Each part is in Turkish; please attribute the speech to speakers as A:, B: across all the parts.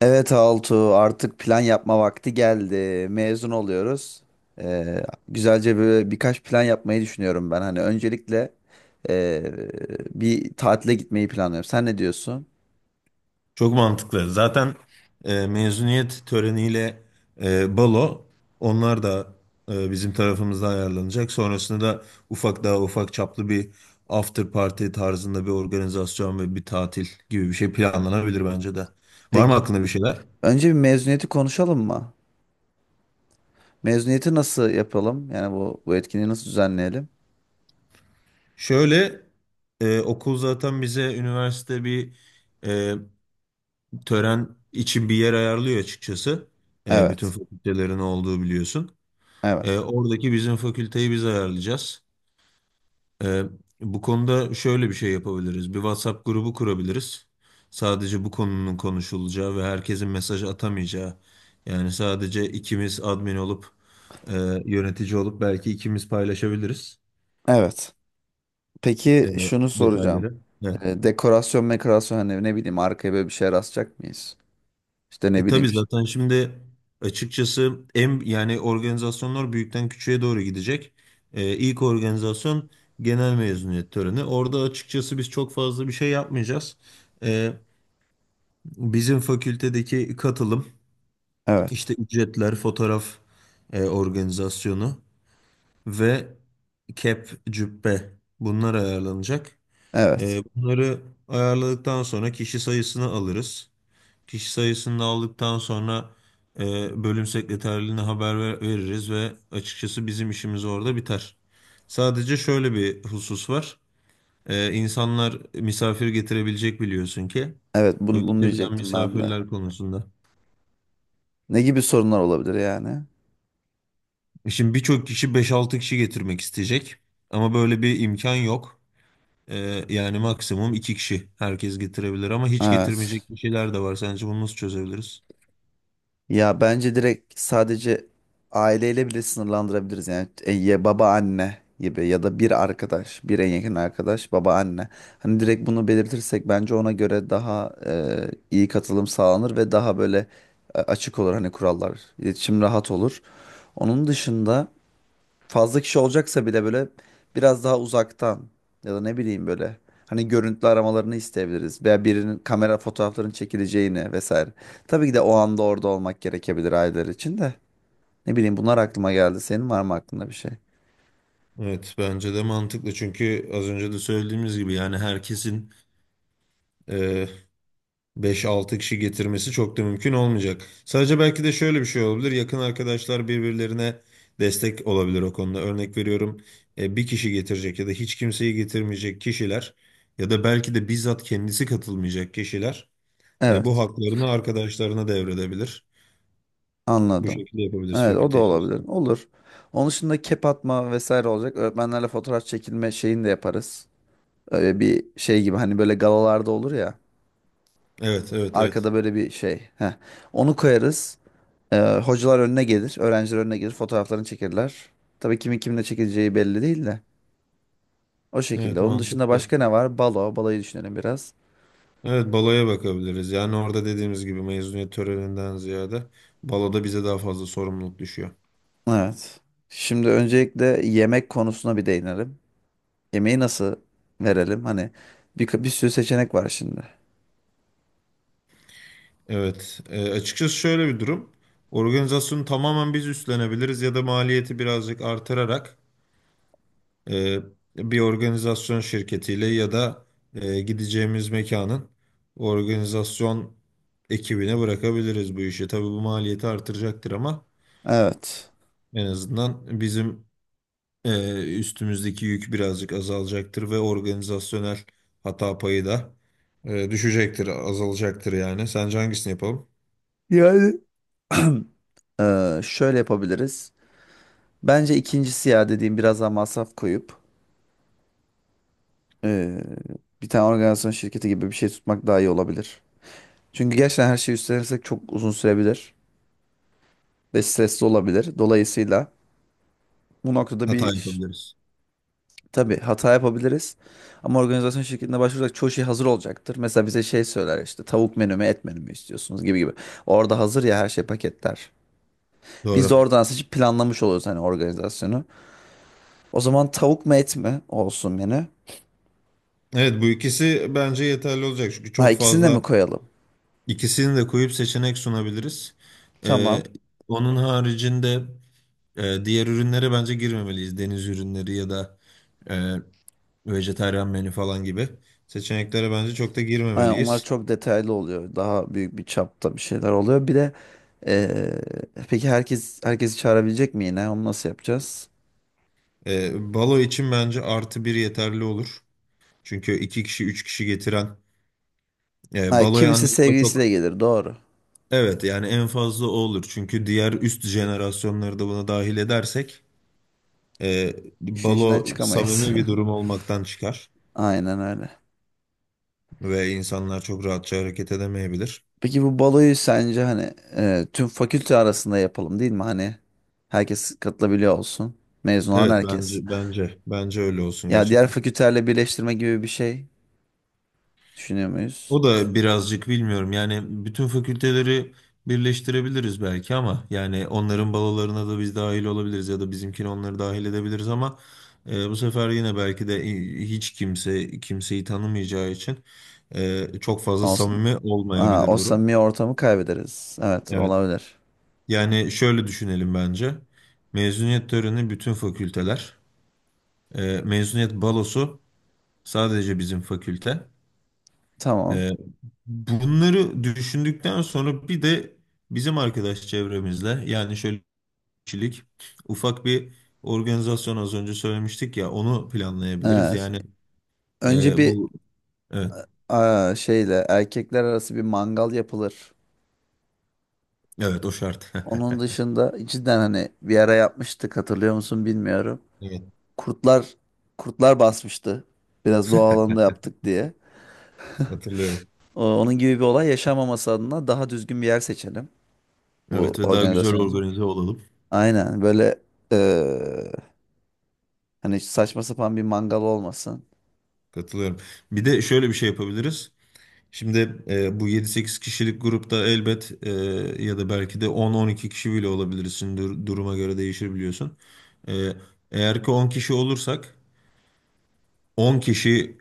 A: Evet Altuğ artık plan yapma vakti geldi. Mezun oluyoruz. Ee, Güzelce böyle birkaç plan yapmayı düşünüyorum ben. Hani öncelikle ee, bir tatile gitmeyi planlıyorum. Sen ne diyorsun?
B: Çok mantıklı. Zaten mezuniyet töreniyle balo onlar da bizim tarafımızda ayarlanacak. Sonrasında da daha ufak çaplı bir after party tarzında bir organizasyon ve bir tatil gibi bir şey planlanabilir bence de. Var
A: Peki
B: mı aklında bir şeyler?
A: önce bir mezuniyeti konuşalım mı? Mezuniyeti nasıl yapalım? Yani bu etkinliği nasıl düzenleyelim?
B: Şöyle okul zaten bize üniversite bir e, tören için bir yer ayarlıyor açıkçası. Bütün
A: Evet.
B: fakültelerin olduğu biliyorsun.
A: Evet.
B: Oradaki bizim fakülteyi biz ayarlayacağız. Ee, Bu konuda şöyle bir şey yapabiliriz. Bir WhatsApp grubu kurabiliriz. Sadece bu konunun konuşulacağı ve herkesin mesaj atamayacağı. Yani sadece ikimiz admin olup e, yönetici olup belki ikimiz paylaşabiliriz
A: Evet.
B: e,
A: Peki şunu soracağım.
B: detayları. Evet.
A: Dekorasyon mekorasyon hani ne bileyim arkaya böyle bir şey rastlayacak mıyız? İşte ne bileyim
B: Tabii
A: işte.
B: zaten şimdi açıkçası yani organizasyonlar büyükten küçüğe doğru gidecek. İlk organizasyon genel mezuniyet töreni. Orada açıkçası biz çok fazla bir şey yapmayacağız. E, Bizim fakültedeki katılım
A: Evet.
B: işte ücretler, fotoğraf organizasyonu ve kep, cübbe bunlar ayarlanacak.
A: Evet.
B: Bunları ayarladıktan sonra kişi sayısını alırız. Kişi sayısını da aldıktan sonra e, bölüm sekreterliğine haber veririz ve açıkçası bizim işimiz orada biter. Sadece şöyle bir husus var. İnsanlar misafir getirebilecek biliyorsun ki.
A: Evet
B: O
A: bunu
B: getirilen
A: diyecektim ben de.
B: misafirler konusunda.
A: Ne gibi sorunlar olabilir yani?
B: Şimdi birçok kişi beş altı kişi getirmek isteyecek. Ama böyle bir imkan yok. E, Yani maksimum 2 kişi herkes getirebilir ama hiç
A: Evet.
B: getirmeyecek kişiler de var. Sence bunu nasıl çözebiliriz?
A: Ya bence direkt sadece aileyle bile sınırlandırabiliriz yani. E, ya baba anne gibi ya da bir arkadaş, bir en yakın arkadaş baba anne. Hani direkt bunu belirtirsek bence ona göre daha e, iyi katılım sağlanır ve daha böyle e, açık olur hani kurallar. İletişim rahat olur. Onun dışında fazla kişi olacaksa bile böyle biraz daha uzaktan ya da ne bileyim böyle hani görüntülü aramalarını isteyebiliriz veya birinin kamera fotoğraflarının çekileceğini vesaire. Tabii ki de o anda orada olmak gerekebilir aileler için de. Ne bileyim bunlar aklıma geldi. Senin var mı aklında bir şey?
B: Evet, bence de mantıklı çünkü az önce de söylediğimiz gibi yani herkesin beş altı kişi getirmesi çok da mümkün olmayacak. Sadece belki de şöyle bir şey olabilir. Yakın arkadaşlar birbirlerine destek olabilir o konuda. Örnek veriyorum, bir kişi getirecek ya da hiç kimseyi getirmeyecek kişiler ya da belki de bizzat kendisi katılmayacak kişiler bu
A: Evet,
B: haklarını arkadaşlarına devredebilir. Bu
A: anladım.
B: şekilde yapabiliriz
A: Evet, o da
B: fakülte
A: olabilir.
B: içerisinde.
A: Olur. Onun dışında kep atma vesaire olacak. Öğretmenlerle fotoğraf çekilme şeyini de yaparız. Öyle bir şey gibi hani böyle galalarda olur ya.
B: Evet, evet, evet.
A: Arkada böyle bir şey. Heh. Onu koyarız. Ee, Hocalar önüne gelir, öğrenciler önüne gelir, fotoğraflarını çekirler. Tabii kimin kimle çekileceği belli değil de. O şekilde.
B: Evet,
A: Onun dışında
B: mantıklı.
A: başka ne var? Balo, balayı düşünelim biraz.
B: Evet, baloya bakabiliriz. Yani orada dediğimiz gibi mezuniyet töreninden ziyade baloda bize daha fazla sorumluluk düşüyor.
A: Evet. Şimdi öncelikle yemek konusuna bir değinelim. Yemeği nasıl verelim? Hani bir sürü seçenek var şimdi.
B: Evet, açıkçası şöyle bir durum. Organizasyonu tamamen biz üstlenebiliriz ya da maliyeti birazcık artırarak e, bir organizasyon şirketiyle ya da gideceğimiz mekanın organizasyon ekibine bırakabiliriz bu işi. Tabii bu maliyeti artıracaktır, ama
A: Evet.
B: en azından bizim üstümüzdeki yük birazcık azalacaktır ve organizasyonel hata payı da düşecektir, azalacaktır yani. Sence hangisini yapalım?
A: Yani şöyle yapabiliriz. Bence ikincisi ya dediğim biraz daha masraf koyup ee, bir tane organizasyon şirketi gibi bir şey tutmak daha iyi olabilir. Çünkü gerçekten her şeyi üstlenirsek çok uzun sürebilir ve stresli olabilir. Dolayısıyla bu noktada
B: Hata yapabiliriz.
A: tabii hata yapabiliriz. Ama organizasyon şirketine başvuracak çoğu şey hazır olacaktır. Mesela bize şey söyler işte tavuk menü mü et menü mü istiyorsunuz gibi gibi. Orada hazır ya her şey paketler. Biz de
B: Doğru.
A: oradan seçip planlamış oluyoruz hani organizasyonu. O zaman tavuk mu et mi olsun menü?
B: Evet, bu ikisi bence yeterli olacak çünkü
A: Ha
B: çok
A: ikisini de mi
B: fazla
A: koyalım?
B: ikisini de koyup seçenek sunabiliriz. Ee,
A: Tamam.
B: Onun haricinde diğer ürünlere bence girmemeliyiz. Deniz ürünleri ya da e, vejetaryen menü falan gibi seçeneklere bence çok da
A: Aynen onlar
B: girmemeliyiz.
A: çok detaylı oluyor. Daha büyük bir çapta bir şeyler oluyor. Bir de eee, peki herkes herkesi çağırabilecek mi yine? Onu nasıl yapacağız?
B: Balo için bence artı bir yeterli olur. Çünkü iki kişi üç kişi getiren
A: Ay,
B: baloya
A: kimisi
B: anne baba
A: sevgilisiyle
B: çok,
A: gelir doğru.
B: evet, yani en fazla o olur. Çünkü diğer üst jenerasyonları da buna dahil edersek E,
A: İşin içinden
B: balo
A: çıkamayız.
B: samimi bir durum olmaktan çıkar
A: Aynen öyle.
B: ve insanlar çok rahatça hareket edemeyebilir.
A: Peki bu baloyu sence hani e, tüm fakülte arasında yapalım değil mi? Hani herkes katılabiliyor olsun. Mezun olan
B: Evet,
A: herkes.
B: bence öyle olsun
A: Ya diğer
B: gerçekten.
A: fakültelerle birleştirme gibi bir şey düşünüyor muyuz?
B: O da birazcık bilmiyorum, yani bütün fakülteleri birleştirebiliriz belki, ama yani onların balolarına da biz dahil olabiliriz ya da bizimkini onları dahil edebiliriz ama bu sefer yine belki de hiç kimse kimseyi tanımayacağı için çok fazla
A: Olsun.
B: samimi
A: Aa,
B: olmayabilir
A: o
B: durum.
A: samimi ortamı kaybederiz. Evet
B: Evet.
A: olabilir.
B: Yani şöyle düşünelim bence. Mezuniyet töreni bütün fakülteler. Mezuniyet balosu sadece bizim fakülte.
A: Tamam.
B: Ee, Bunları düşündükten sonra bir de bizim arkadaş çevremizle, yani şöyle kişilik ufak bir organizasyon az önce söylemiştik ya, onu planlayabiliriz.
A: Evet.
B: Yani
A: Önce bir
B: bu, evet,
A: aa, şeyle erkekler arası bir mangal yapılır.
B: evet o şart.
A: Onun dışında cidden hani bir ara yapmıştık hatırlıyor musun bilmiyorum.
B: Evet,
A: kurtlar kurtlar basmıştı. Biraz doğa alanında yaptık diye.
B: hatırlıyorum.
A: Onun gibi bir olay yaşanmaması adına daha düzgün bir yer seçelim bu
B: Evet, ve daha güzel
A: organizasyon için.
B: organize olalım.
A: Aynen böyle eee, hani saçma sapan bir mangal olmasın.
B: Katılıyorum. Bir de şöyle bir şey yapabiliriz. Şimdi bu yedi sekiz kişilik grupta elbet, ya da belki de on on iki kişi bile olabilirsin. Duruma göre değişir biliyorsun. E, Eğer ki 10 kişi olursak, 10 kişi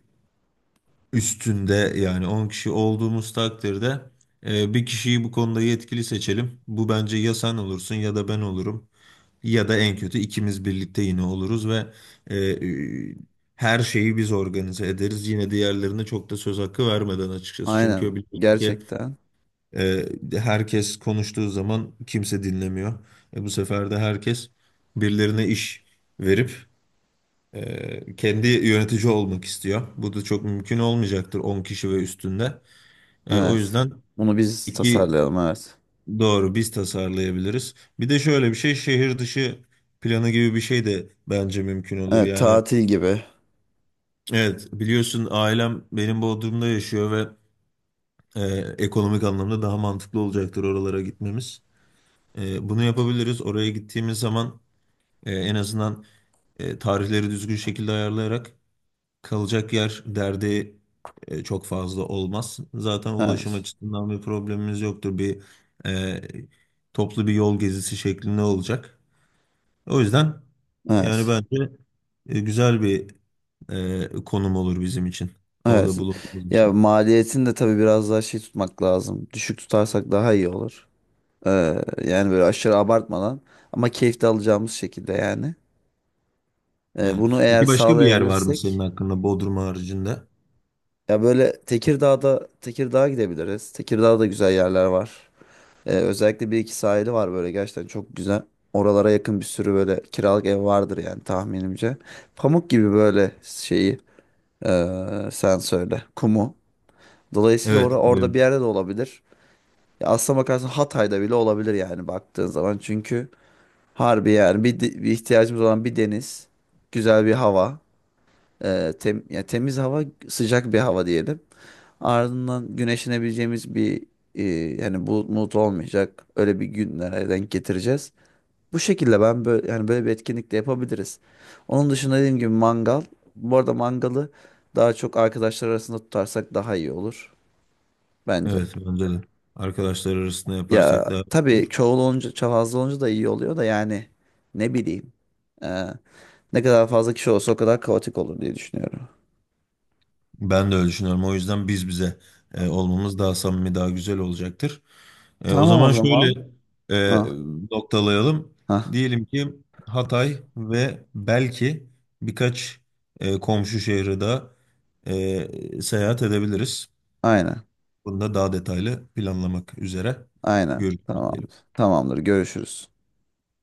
B: üstünde yani 10 kişi olduğumuz takdirde, bir kişiyi bu konuda yetkili seçelim. Bu bence ya sen olursun ya da ben olurum. Ya da en kötü ikimiz birlikte yine oluruz ve e, e, her şeyi biz organize ederiz. Yine diğerlerine çok da söz hakkı vermeden açıkçası.
A: Aynen
B: Çünkü biliyorsun ki,
A: gerçekten.
B: E, herkes konuştuğu zaman kimse dinlemiyor. Bu sefer de herkes birilerine iş verip kendi yönetici olmak istiyor. Bu da çok mümkün olmayacaktır 10 kişi ve üstünde. O
A: Evet.
B: yüzden
A: Bunu biz
B: iki,
A: tasarlayalım evet.
B: doğru, biz tasarlayabiliriz. Bir de şöyle bir şey, şehir dışı planı gibi bir şey de bence mümkün olur.
A: Evet
B: Yani
A: tatil gibi.
B: evet, biliyorsun ailem benim Bodrum'da yaşıyor ve e, ekonomik anlamda daha mantıklı olacaktır oralara gitmemiz. Bunu yapabiliriz. Oraya gittiğimiz zaman en azından tarihleri düzgün şekilde ayarlayarak kalacak yer derdi çok fazla olmaz. Zaten ulaşım
A: Evet.
B: açısından bir problemimiz yoktur. E, Toplu bir yol gezisi şeklinde olacak. O yüzden yani
A: Evet.
B: bence güzel bir konum olur bizim için.
A: Evet.
B: Orada bulunduğumuz
A: Ya
B: için.
A: maliyetini de tabii biraz daha şey tutmak lazım. Düşük tutarsak daha iyi olur. Ee, Yani böyle aşırı abartmadan ama keyif de alacağımız şekilde yani.
B: Evet.
A: Bunu eğer
B: Peki başka bir yer var mı senin
A: sağlayabilirsek
B: hakkında Bodrum haricinde?
A: ya böyle Tekirdağ'a gidebiliriz. Tekirdağ'da güzel yerler var. Özellikle bir iki sahili var böyle gerçekten çok güzel. Oralara yakın bir sürü böyle kiralık ev vardır yani tahminimce. Pamuk gibi böyle şeyi sen söyle kumu. Dolayısıyla
B: Evet.
A: orada bir yerde de olabilir. Ya aslına bakarsan Hatay'da bile olabilir yani baktığın zaman. Çünkü harbi yani bir ihtiyacımız olan bir deniz, güzel bir hava, ya temiz hava, sıcak bir hava diyelim. Ardından güneşlenebileceğimiz bir e, yani bulut bulut olmayacak öyle bir günlere denk getireceğiz. Bu şekilde ben böyle yani böyle bir etkinlik de yapabiliriz. Onun dışında dediğim gibi mangal. Bu arada mangalı daha çok arkadaşlar arasında tutarsak daha iyi olur bence.
B: Evet, bence de. Arkadaşlar arasında
A: Ya
B: yaparsak daha iyi
A: tabii
B: olur.
A: çoğul olunca, fazla olunca da iyi oluyor da yani ne bileyim. e, Ne kadar fazla kişi olsa o kadar kaotik olur diye düşünüyorum.
B: Ben de öyle düşünüyorum. O yüzden biz bize olmamız daha samimi, daha güzel olacaktır. O
A: Tamam o
B: zaman
A: zaman.
B: şöyle e,
A: Ha,
B: noktalayalım.
A: ha,
B: Diyelim ki Hatay ve belki birkaç komşu şehri daha seyahat edebiliriz.
A: aynen,
B: Bunu da daha detaylı planlamak üzere
A: aynen.
B: görüşürüz diyelim.
A: Tamamdır. Tamamdır. Görüşürüz.